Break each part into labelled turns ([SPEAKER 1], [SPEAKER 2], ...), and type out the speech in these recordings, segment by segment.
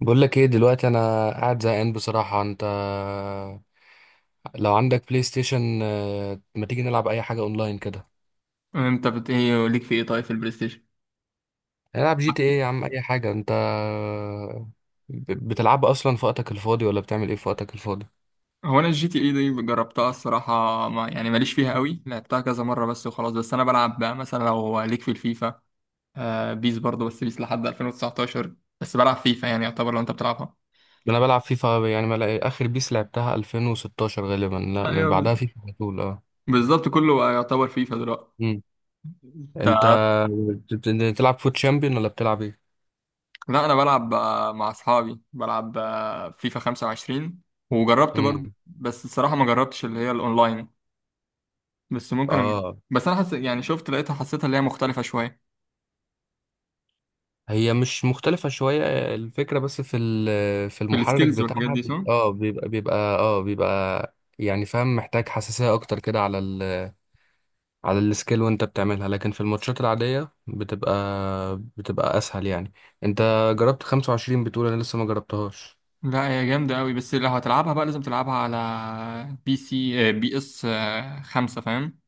[SPEAKER 1] بقول لك ايه دلوقتي؟ انا قاعد زهقان بصراحة. انت لو عندك بلاي ستيشن، ما تيجي نلعب اي حاجة اونلاين كده؟
[SPEAKER 2] ايه ليك في ايه؟ طيب، في البلاي ستيشن،
[SPEAKER 1] نلعب جي تي ايه يا عم، اي حاجة. انت بتلعب اصلا في وقتك الفاضي، ولا بتعمل ايه في وقتك الفاضي؟
[SPEAKER 2] هو انا الجي تي اي دي جربتها الصراحه، ما يعني ماليش فيها قوي، لعبتها كذا مره بس وخلاص. بس انا بلعب بقى مثلا لو ليك، في الفيفا آه، بيس برضه، بس بيس لحد 2019. بس بلعب فيفا يعني، يعتبر لو انت بتلعبها.
[SPEAKER 1] انا بلعب فيفا، يعني ما لع- اخر بيس لعبتها 2016 غالبا، لا من
[SPEAKER 2] ايوه،
[SPEAKER 1] بعدها فيفا على طول اه.
[SPEAKER 2] بالظبط، كله بقى يعتبر فيفا دلوقتي.
[SPEAKER 1] مم.
[SPEAKER 2] ت-
[SPEAKER 1] انت بتلعب فوت شامبيون ولا بتلعب ايه؟
[SPEAKER 2] لا، انا بلعب مع اصحابي، بلعب فيفا 25، وجربت برضه
[SPEAKER 1] امم
[SPEAKER 2] بس الصراحه ما جربتش اللي هي الاونلاين. بس ممكن أجرب.
[SPEAKER 1] اه
[SPEAKER 2] بس انا يعني شفت، لقيتها، حسيتها اللي هي مختلفه شويه،
[SPEAKER 1] هي مش مختلفة شوية. الفكرة بس في في
[SPEAKER 2] في
[SPEAKER 1] المحرك
[SPEAKER 2] السكيلز والحاجات
[SPEAKER 1] بتاعها،
[SPEAKER 2] دي، صح؟
[SPEAKER 1] بيبقى يعني، فاهم، محتاج حساسية أكتر كده على على السكيل وأنت بتعملها، لكن في الماتشات العادية بتبقى أسهل يعني. أنت جربت 25؟ بتقول أنا لسه ما جربتهاش
[SPEAKER 2] لا هي جامدة أوي، بس لو هتلعبها بقى لازم تلعبها على بي سي بي اس 5، فاهم؟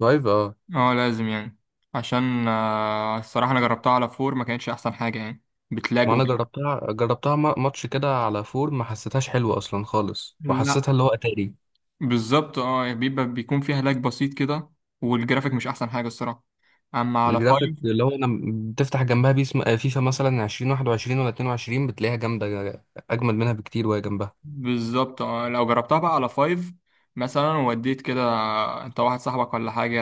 [SPEAKER 1] لايف، اه.
[SPEAKER 2] اه لازم يعني، عشان الصراحة أنا جربتها على فور، ما كانتش أحسن حاجة يعني، بتلاج
[SPEAKER 1] ما أنا
[SPEAKER 2] وكده.
[SPEAKER 1] جربتها ماتش كده على فور، ما حسيتهاش حلوة أصلا خالص،
[SPEAKER 2] لا
[SPEAKER 1] وحسيتها اللي هو أتاري.
[SPEAKER 2] بالظبط، اه يعني بيبقى بيكون فيها لاج بسيط كده، والجرافيك مش أحسن حاجة الصراحة. أما على
[SPEAKER 1] الجرافيك
[SPEAKER 2] 5،
[SPEAKER 1] اللي هو لما بتفتح جنبها بيس، فيفا مثلا 2021 ولا 22، بتلاقيها جامدة أجمل منها بكتير وهي جنبها.
[SPEAKER 2] بالظبط، اه لو جربتها بقى على فايف مثلا، ووديت كده انت واحد صاحبك ولا حاجة،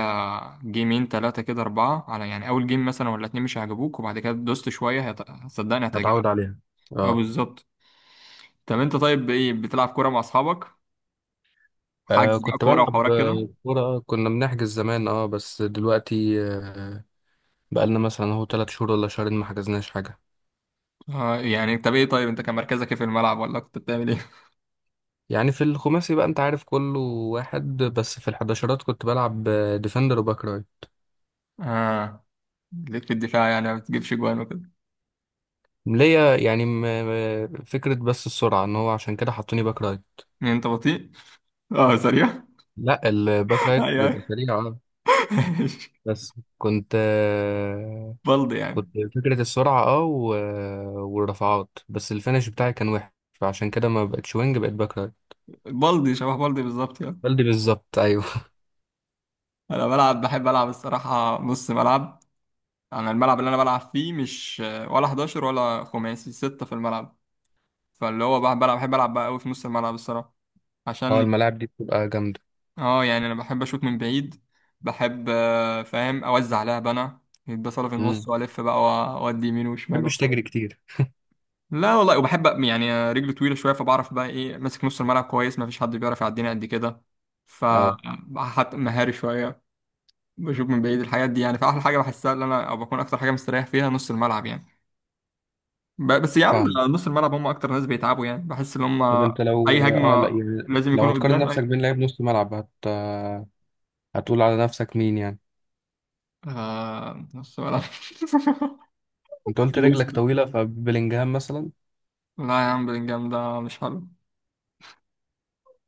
[SPEAKER 2] جيمين تلاتة كده، أربعة، على يعني أول جيم مثلا ولا اتنين مش هيعجبوك، وبعد كده دوست شوية صدقني هتعجبك.
[SPEAKER 1] هتعود عليها
[SPEAKER 2] اه
[SPEAKER 1] اه.
[SPEAKER 2] بالظبط. طب انت طيب، ايه بتلعب كورة مع أصحابك؟ حجز بقى
[SPEAKER 1] كنت
[SPEAKER 2] كورة
[SPEAKER 1] بلعب
[SPEAKER 2] وحوارات كده؟
[SPEAKER 1] كورة، كنا بنحجز زمان اه، بس دلوقتي بقالنا مثلا اهو تلات شهور ولا شهرين ما حجزناش حاجة.
[SPEAKER 2] اه يعني، طب ايه؟ طيب انت كان مركزك ايه في الملعب، ولا كنت بتعمل ايه؟
[SPEAKER 1] يعني في الخماسي بقى انت عارف كله واحد، بس في الحداشرات كنت بلعب ديفندر وباك رايت.
[SPEAKER 2] اه، ليك في الدفاع يعني، ما بتجيبش جوان وكده؟
[SPEAKER 1] ليا يعني فكرة، بس السرعة، ان هو عشان كده حطوني باك رايت.
[SPEAKER 2] انت بطيء؟ اه سريع؟
[SPEAKER 1] لا الباك
[SPEAKER 2] ايوه،
[SPEAKER 1] رايت بيبقى
[SPEAKER 2] ايوه.
[SPEAKER 1] سريع اه. بس كنت
[SPEAKER 2] بلدي
[SPEAKER 1] كنت
[SPEAKER 2] يعني.
[SPEAKER 1] فكرة السرعة اه والرفعات، بس الفينش بتاعي كان وحش، فعشان كده ما بقتش وينج، بقيت باك رايت.
[SPEAKER 2] بلدي شبه بلدي بالظبط يعني.
[SPEAKER 1] بلدي بالظبط ايوه.
[SPEAKER 2] انا بلعب، بحب العب الصراحه نص ملعب. انا الملعب اللي انا بلعب فيه مش ولا 11 ولا خماسي، 6 في الملعب. فاللي هو بقى بلعب، بحب العب بقى قوي في نص الملعب الصراحه،
[SPEAKER 1] اه،
[SPEAKER 2] عشان،
[SPEAKER 1] الملاعب دي بتبقى جامدة.
[SPEAKER 2] اه يعني انا بحب اشوط من بعيد، بحب فاهم، اوزع لعب انا، يتبصل في
[SPEAKER 1] امم،
[SPEAKER 2] النص والف بقى واودي يمين وشمال
[SPEAKER 1] محبش
[SPEAKER 2] وحاجه.
[SPEAKER 1] تجري كتير
[SPEAKER 2] لا والله، وبحب يعني رجلي طويله شويه، فبعرف بقى ايه، ماسك نص الملعب كويس، ما فيش حد بيعرف يعديني قد كده. ف،
[SPEAKER 1] اه،
[SPEAKER 2] حتى مهاري شويه، بشوف من بعيد الحاجات دي يعني، فاحلى حاجه بحسها اللي انا، او بكون اكتر حاجه مستريح فيها نص الملعب يعني. بس يا عم ده
[SPEAKER 1] فاهم.
[SPEAKER 2] نص الملعب هم اكتر ناس بيتعبوا يعني، بحس ان هم
[SPEAKER 1] طب انت لو
[SPEAKER 2] اي
[SPEAKER 1] اه، لا
[SPEAKER 2] هجمه
[SPEAKER 1] يعني
[SPEAKER 2] لازم
[SPEAKER 1] لو
[SPEAKER 2] يكونوا
[SPEAKER 1] هتقارن
[SPEAKER 2] قدام.
[SPEAKER 1] نفسك
[SPEAKER 2] اي،
[SPEAKER 1] بين لعيب نص ملعب هتقول على نفسك مين يعني؟
[SPEAKER 2] آه نص ملعب.
[SPEAKER 1] انت قلت رجلك
[SPEAKER 2] إنيستا.
[SPEAKER 1] طويلة، فبلينجهام مثلا؟
[SPEAKER 2] لا يا عم، بلينجهام ده مش حلو.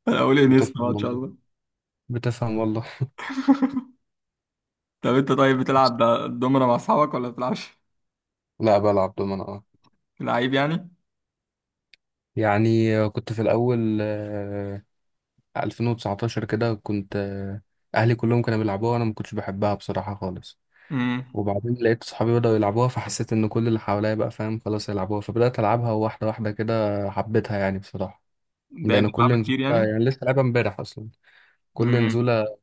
[SPEAKER 2] انا اقول انيستا
[SPEAKER 1] بتفهم
[SPEAKER 2] بقى ان شاء
[SPEAKER 1] والله،
[SPEAKER 2] الله.
[SPEAKER 1] بتفهم والله.
[SPEAKER 2] طب انت، طيب بتلعب دومنا مع اصحابك ولا بتلعبش؟
[SPEAKER 1] لا بلعب دومنة اه.
[SPEAKER 2] لعيب يعني.
[SPEAKER 1] يعني كنت في الأول 2019 كده، كنت اهلي كلهم كانوا بيلعبوها، وانا ما كنتش بحبها بصراحة خالص.
[SPEAKER 2] امم،
[SPEAKER 1] وبعدين لقيت صحابي بدأوا يلعبوها، فحسيت ان كل اللي حواليا بقى فاهم خلاص يلعبوها، فبدأت العبها واحدة واحدة كده، حبيتها يعني بصراحة.
[SPEAKER 2] ده
[SPEAKER 1] يعني كل
[SPEAKER 2] بيلعبها
[SPEAKER 1] نزولة،
[SPEAKER 2] كتير يعني.
[SPEAKER 1] يعني لسه لعبها امبارح اصلا، كل
[SPEAKER 2] امم،
[SPEAKER 1] نزولة.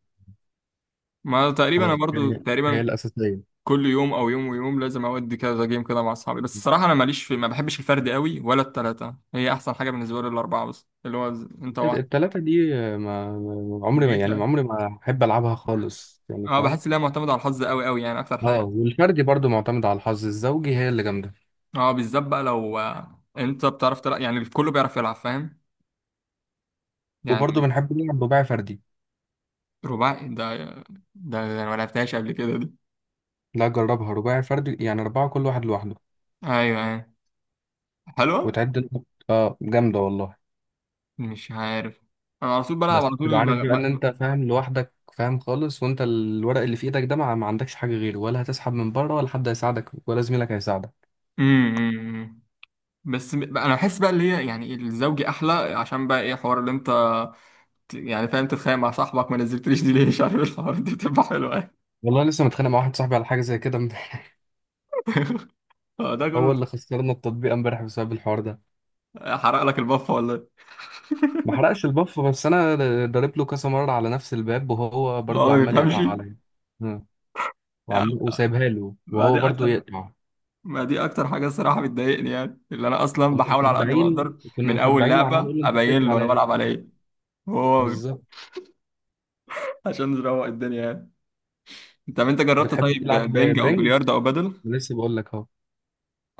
[SPEAKER 2] ما تقريبا انا
[SPEAKER 1] خلاص
[SPEAKER 2] برضو
[SPEAKER 1] هي
[SPEAKER 2] تقريبا
[SPEAKER 1] الأساسية.
[SPEAKER 2] كل يوم او يوم ويوم لازم اودي كذا جيم كده مع اصحابي، بس الصراحه انا ماليش في، ما بحبش الفرد قوي، ولا التلاته، هي احسن حاجه بالنسبه لي الاربعه، بس اللي هو انت واحد
[SPEAKER 1] التلاتة دي
[SPEAKER 2] بقيت يعني.
[SPEAKER 1] عمري ما أحب ألعبها خالص، يعني
[SPEAKER 2] اه
[SPEAKER 1] فاهم.
[SPEAKER 2] بحس ان هي معتمده على الحظ قوي قوي يعني اكتر
[SPEAKER 1] اه،
[SPEAKER 2] حاجه.
[SPEAKER 1] والفردي برضو معتمد على الحظ، الزوجي هي اللي جامدة.
[SPEAKER 2] اه بالذات بقى لو انت بتعرف تلعب يعني، الكل بيعرف يلعب فاهم،
[SPEAKER 1] وبرضو
[SPEAKER 2] يعني.
[SPEAKER 1] بنحب نلعب رباعي فردي.
[SPEAKER 2] رباعي ده ده انا ما لعبتهاش قبل كده دي.
[SPEAKER 1] لا جربها رباعي فردي، يعني أربعة كل واحد لوحده.
[SPEAKER 2] ايوه ايوه، حلوه.
[SPEAKER 1] وتعد انت- اه جامدة والله.
[SPEAKER 2] مش عارف، انا على طول بلعب
[SPEAKER 1] بس
[SPEAKER 2] على طول
[SPEAKER 1] تبقى
[SPEAKER 2] اللي
[SPEAKER 1] عارف
[SPEAKER 2] بلعب.
[SPEAKER 1] بقى إن أنت فاهم لوحدك، فاهم خالص، وأنت الورق اللي في إيدك ده ما عندكش حاجة غيره، ولا هتسحب من بره، ولا حد هيساعدك، ولا زميلك هيساعدك.
[SPEAKER 2] امم، أمم. بس انا بحس بقى اللي هي يعني الزوجي احلى، عشان بقى ايه، حوار اللي انت يعني فاهم، تتخانق مع صاحبك ما نزلتليش دي ليه، مش عارف ايه، الحوار دي بتبقى حلوه يعني.
[SPEAKER 1] والله لسه متخانق مع واحد صاحبي على حاجة زي كده امبارح.
[SPEAKER 2] هو ده
[SPEAKER 1] هو
[SPEAKER 2] كله،
[SPEAKER 1] اللي خسرنا التطبيق امبارح بسبب الحوار ده.
[SPEAKER 2] حرق لك البفه ولا ايه؟
[SPEAKER 1] ما حرقش البف، بس أنا ضارب له كذا مرة على نفس الباب، وهو
[SPEAKER 2] هو
[SPEAKER 1] برضو
[SPEAKER 2] ما
[SPEAKER 1] عمال
[SPEAKER 2] بيفهمش
[SPEAKER 1] يقطع عليا. آه.
[SPEAKER 2] يعني.
[SPEAKER 1] وعمال وسايبها له،
[SPEAKER 2] ما دي
[SPEAKER 1] وهو برضو
[SPEAKER 2] اكتر
[SPEAKER 1] يقطع.
[SPEAKER 2] ما دي اكتر حاجه الصراحه بتضايقني يعني، اللي انا اصلا
[SPEAKER 1] كنا
[SPEAKER 2] بحاول على قد ما
[SPEAKER 1] مسبعين
[SPEAKER 2] اقدر،
[SPEAKER 1] كنا
[SPEAKER 2] من اول
[SPEAKER 1] مسبعين وعمال
[SPEAKER 2] لعبه
[SPEAKER 1] يقول له، انت
[SPEAKER 2] ابين
[SPEAKER 1] بتقفل
[SPEAKER 2] له انا
[SPEAKER 1] عليا ليه؟
[SPEAKER 2] بلعب على ايه، هو،
[SPEAKER 1] بالظبط.
[SPEAKER 2] عشان نروق الدنيا يعني. طب انت جربت
[SPEAKER 1] بتحب
[SPEAKER 2] طيب
[SPEAKER 1] تلعب
[SPEAKER 2] بينج او
[SPEAKER 1] بينج؟
[SPEAKER 2] بلياردو او بدل؟
[SPEAKER 1] لسه بقول لك اهو.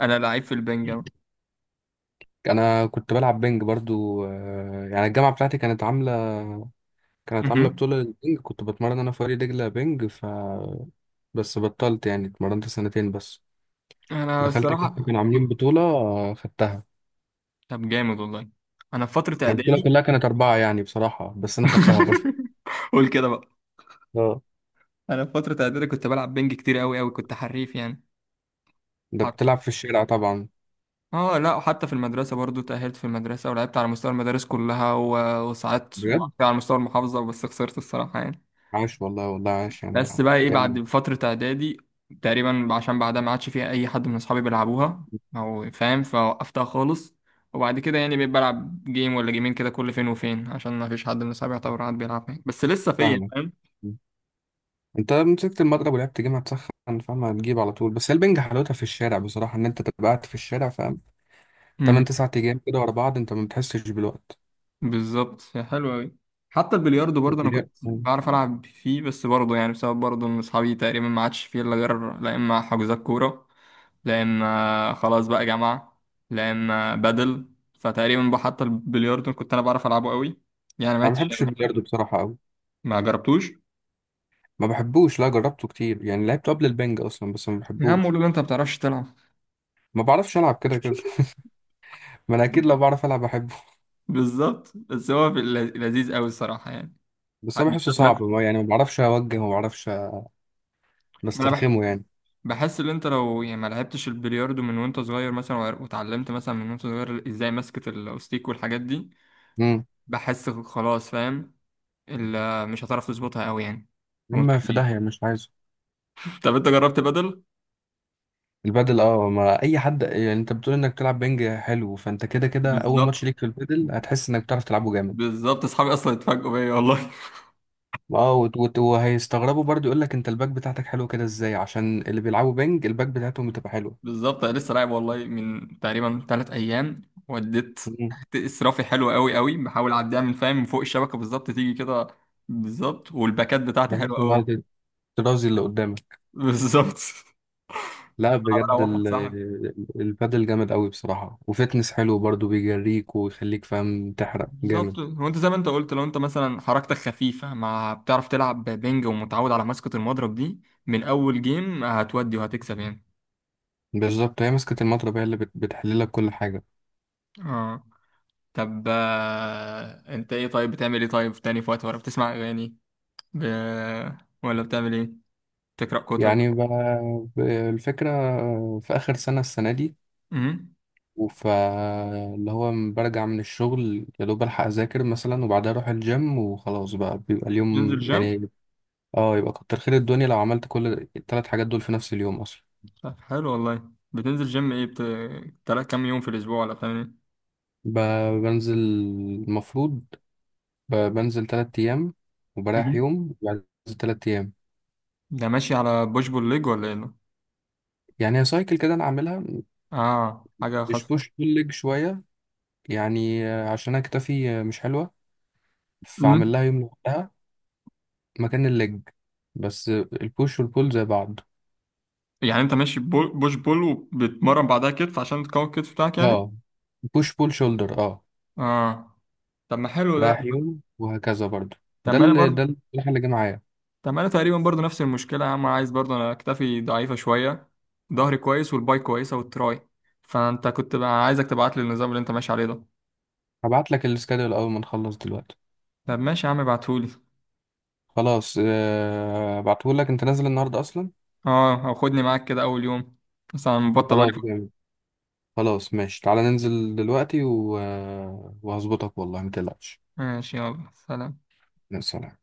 [SPEAKER 2] انا لعيب في البنج أوي.
[SPEAKER 1] انا كنت بلعب بينج برضو، يعني الجامعه بتاعتي كانت عامله
[SPEAKER 2] مهم.
[SPEAKER 1] بطوله للبينج، كنت بتمرن انا في فريق دجله بينج. ف بس بطلت يعني، اتمرنت سنتين بس.
[SPEAKER 2] انا
[SPEAKER 1] دخلت كده
[SPEAKER 2] الصراحه،
[SPEAKER 1] كانوا عاملين بطوله خدتها.
[SPEAKER 2] طب جامد والله. انا في فتره
[SPEAKER 1] البطوله
[SPEAKER 2] اعدادي،
[SPEAKER 1] كلها كانت اربعه يعني بصراحه، بس انا خدتها برضو
[SPEAKER 2] قول كده بقى.
[SPEAKER 1] اه.
[SPEAKER 2] انا في فتره اعدادي كنت بلعب بنج كتير قوي قوي، كنت حريف يعني.
[SPEAKER 1] ده
[SPEAKER 2] حر-
[SPEAKER 1] بتلعب في الشارع طبعا.
[SPEAKER 2] اه، لا وحتى في المدرسه برضو، تاهلت في المدرسه ولعبت على مستوى المدارس كلها وصعدت وبعد
[SPEAKER 1] بجد،
[SPEAKER 2] كده على مستوى المحافظه، بس خسرت الصراحه يعني.
[SPEAKER 1] عاش والله، والله عاش يعني.
[SPEAKER 2] بس بقى ايه،
[SPEAKER 1] جامد.
[SPEAKER 2] بعد فتره اعدادي تقريبا، عشان بعدها ما عادش فيها اي حد من اصحابي بيلعبوها او فاهم، فوقفتها خالص. وبعد كده يعني بقيت بلعب جيم ولا جيمين كده كل فين وفين، عشان ما فيش حد من اصحابي يعتبر قاعد بيلعب يعني. بس لسه فيا
[SPEAKER 1] فاهمك.
[SPEAKER 2] فاهم.
[SPEAKER 1] انت مسكت المضرب ولعبت جيم هتسخن، فاهم، هتجيب على طول. بس هي البنج حلاوتها في الشارع بصراحه، ان انت تبقى قاعد في الشارع، فاهم، 8 9 ايام كده ورا بعض، انت ما بتحسش بالوقت.
[SPEAKER 2] بالظبط، حلو أوي. حتى البلياردو برضه أنا كنت
[SPEAKER 1] البلياردو،
[SPEAKER 2] بعرف ألعب فيه، بس برضه يعني بسبب برضه إن أصحابي تقريبا ما عادش فيه، إلا غير لا إما حجوزات كورة، لا إما خلاص بقى جامعة، لا إما بدل. فتقريبا بقى حتى البلياردو كنت أنا بعرف ألعبه أوي يعني، ما
[SPEAKER 1] ما
[SPEAKER 2] عدتش
[SPEAKER 1] بحبش
[SPEAKER 2] أوي
[SPEAKER 1] البلياردو
[SPEAKER 2] بصراحة.
[SPEAKER 1] بصراحه قوي،
[SPEAKER 2] ما جربتوش؟
[SPEAKER 1] ما بحبوش، لا جربته كتير يعني لعبته قبل البنج اصلا، بس ما
[SPEAKER 2] يا عم
[SPEAKER 1] بحبوش.
[SPEAKER 2] قولوا لي أنت ما بتعرفش تلعب.
[SPEAKER 1] ما بعرفش العب كده كده. ما انا اكيد لو بعرف العب بحبه.
[SPEAKER 2] بالظبط، بس هو في لذيذ أوي الصراحة يعني.
[SPEAKER 1] بس انا بحسه
[SPEAKER 2] بالذات
[SPEAKER 1] صعب،
[SPEAKER 2] مثلا،
[SPEAKER 1] يعني ما بعرفش اوجه، وما بعرفش،
[SPEAKER 2] ما أنا
[SPEAKER 1] بسترخمه يعني.
[SPEAKER 2] بحس ان انت لو يعني ما لعبتش البلياردو من وانت صغير مثلا واتعلمت مثلا من وانت صغير ازاي ماسكة الاوستيك والحاجات دي،
[SPEAKER 1] امم،
[SPEAKER 2] بحس خلاص فاهم، مش هتعرف تظبطها قوي يعني وانت
[SPEAKER 1] اما في
[SPEAKER 2] كبير.
[SPEAKER 1] داهيه مش عايزه.
[SPEAKER 2] طب انت جربت بدل؟
[SPEAKER 1] البادل اه، ما اي حد، يعني انت بتقول انك تلعب بنج حلو، فانت كده كده اول ماتش
[SPEAKER 2] بالظبط،
[SPEAKER 1] ليك في البادل هتحس انك بتعرف تلعبه جامد.
[SPEAKER 2] بالظبط، اصحابي اصلا اتفاجئوا بيا والله.
[SPEAKER 1] اه، وهيستغربوا برضو، يقول لك انت الباك بتاعتك حلو كده ازاي؟ عشان اللي بيلعبوا بنج الباك بتاعتهم بتبقى حلوه.
[SPEAKER 2] بالظبط، انا لسه لاعب والله من تقريبا 3 ايام، وديت
[SPEAKER 1] مم.
[SPEAKER 2] تحت اسرافي حلو قوي قوي، بحاول اعديها من فاهم من فوق الشبكه بالظبط تيجي كده، بالظبط والباكات بتاعتي حلوه
[SPEAKER 1] بحيث ان هو
[SPEAKER 2] قوي.
[SPEAKER 1] ترازي اللي قدامك.
[SPEAKER 2] بالظبط.
[SPEAKER 1] لا
[SPEAKER 2] انا
[SPEAKER 1] بجد
[SPEAKER 2] بروح صح.
[SPEAKER 1] البادل جامد قوي بصراحه، وفتنس حلو برضو، بيجريك ويخليك فاهم تحرق
[SPEAKER 2] بالظبط.
[SPEAKER 1] جامد.
[SPEAKER 2] هو انت زي ما انت قلت لو انت مثلا حركتك خفيفة، مع بتعرف تلعب بينج ومتعود على مسكة المضرب دي، من أول جيم هتودي وهتكسب يعني.
[SPEAKER 1] بالظبط. هي مسكة المضرب هي اللي بتحللك كل حاجة.
[SPEAKER 2] اه. طب انت ايه، طيب بتعمل ايه طيب تاني في وقت، ولا بتسمع أغاني ب... ولا بتعمل ايه؟ تقرأ كتب؟
[SPEAKER 1] يعني الفكرة في آخر سنة، السنة دي.
[SPEAKER 2] امم.
[SPEAKER 1] فاللي هو برجع من الشغل يا دوب الحق اذاكر مثلا، وبعدها اروح الجيم، وخلاص بقى بيبقى
[SPEAKER 2] بتنزل
[SPEAKER 1] اليوم
[SPEAKER 2] جيم؟
[SPEAKER 1] يعني اه. يبقى كتر خير الدنيا لو عملت كل الثلاث حاجات دول في نفس اليوم اصلا.
[SPEAKER 2] طب حلو والله. بتنزل جيم ايه، تلات كام يوم في الأسبوع، ولا بتعمل ايه؟
[SPEAKER 1] بنزل المفروض، بنزل تلات ايام وبريح
[SPEAKER 2] مهم.
[SPEAKER 1] يوم، وبعدين بنزل تلات ايام.
[SPEAKER 2] ده ماشي على بوش بول ليج ولا ايه؟
[SPEAKER 1] يعني هي سايكل كده انا عاملها.
[SPEAKER 2] اه حاجة
[SPEAKER 1] مش
[SPEAKER 2] خاصة.
[SPEAKER 1] بوش بول ليج شويه، يعني عشان انا كتفي مش حلوه، فعمل لها يوم لوحدها مكان الليج، بس البوش والبول زي بعض
[SPEAKER 2] يعني انت ماشي بول، بوش، بول، وبتمرن بعدها كتف عشان تقوي الكتف بتاعك
[SPEAKER 1] اه.
[SPEAKER 2] يعني.
[SPEAKER 1] بوش بول شولدر اه.
[SPEAKER 2] اه. طب ما حلو ده.
[SPEAKER 1] رايح يوم وهكذا برضو.
[SPEAKER 2] طب
[SPEAKER 1] ده
[SPEAKER 2] ما انا
[SPEAKER 1] اللي ده
[SPEAKER 2] برضه،
[SPEAKER 1] الصراحة اللي جه معايا.
[SPEAKER 2] طب ما انا تقريبا برضه نفس المشكله يا عم، عايز برضه، انا اكتفي ضعيفه شويه، ظهري كويس والباي كويسه والتراي، فانت كنت بقى، عايزك تبعت لي النظام اللي انت ماشي عليه ده.
[SPEAKER 1] هبعت لك السكادول اول ما نخلص دلوقتي.
[SPEAKER 2] طب ماشي يا عم ابعتهولي.
[SPEAKER 1] خلاص هبعته لك، انت نازل النهارده اصلا.
[SPEAKER 2] اه او خدني معاك كده اول يوم، بس انا مبطل بقالي
[SPEAKER 1] خلاص
[SPEAKER 2] فترة.
[SPEAKER 1] جامد. خلاص ماشي، تعالى ننزل دلوقتي و... آه، وهظبطك والله ما تقلقش.
[SPEAKER 2] ماشي، يلا سلام.
[SPEAKER 1] يا سلام.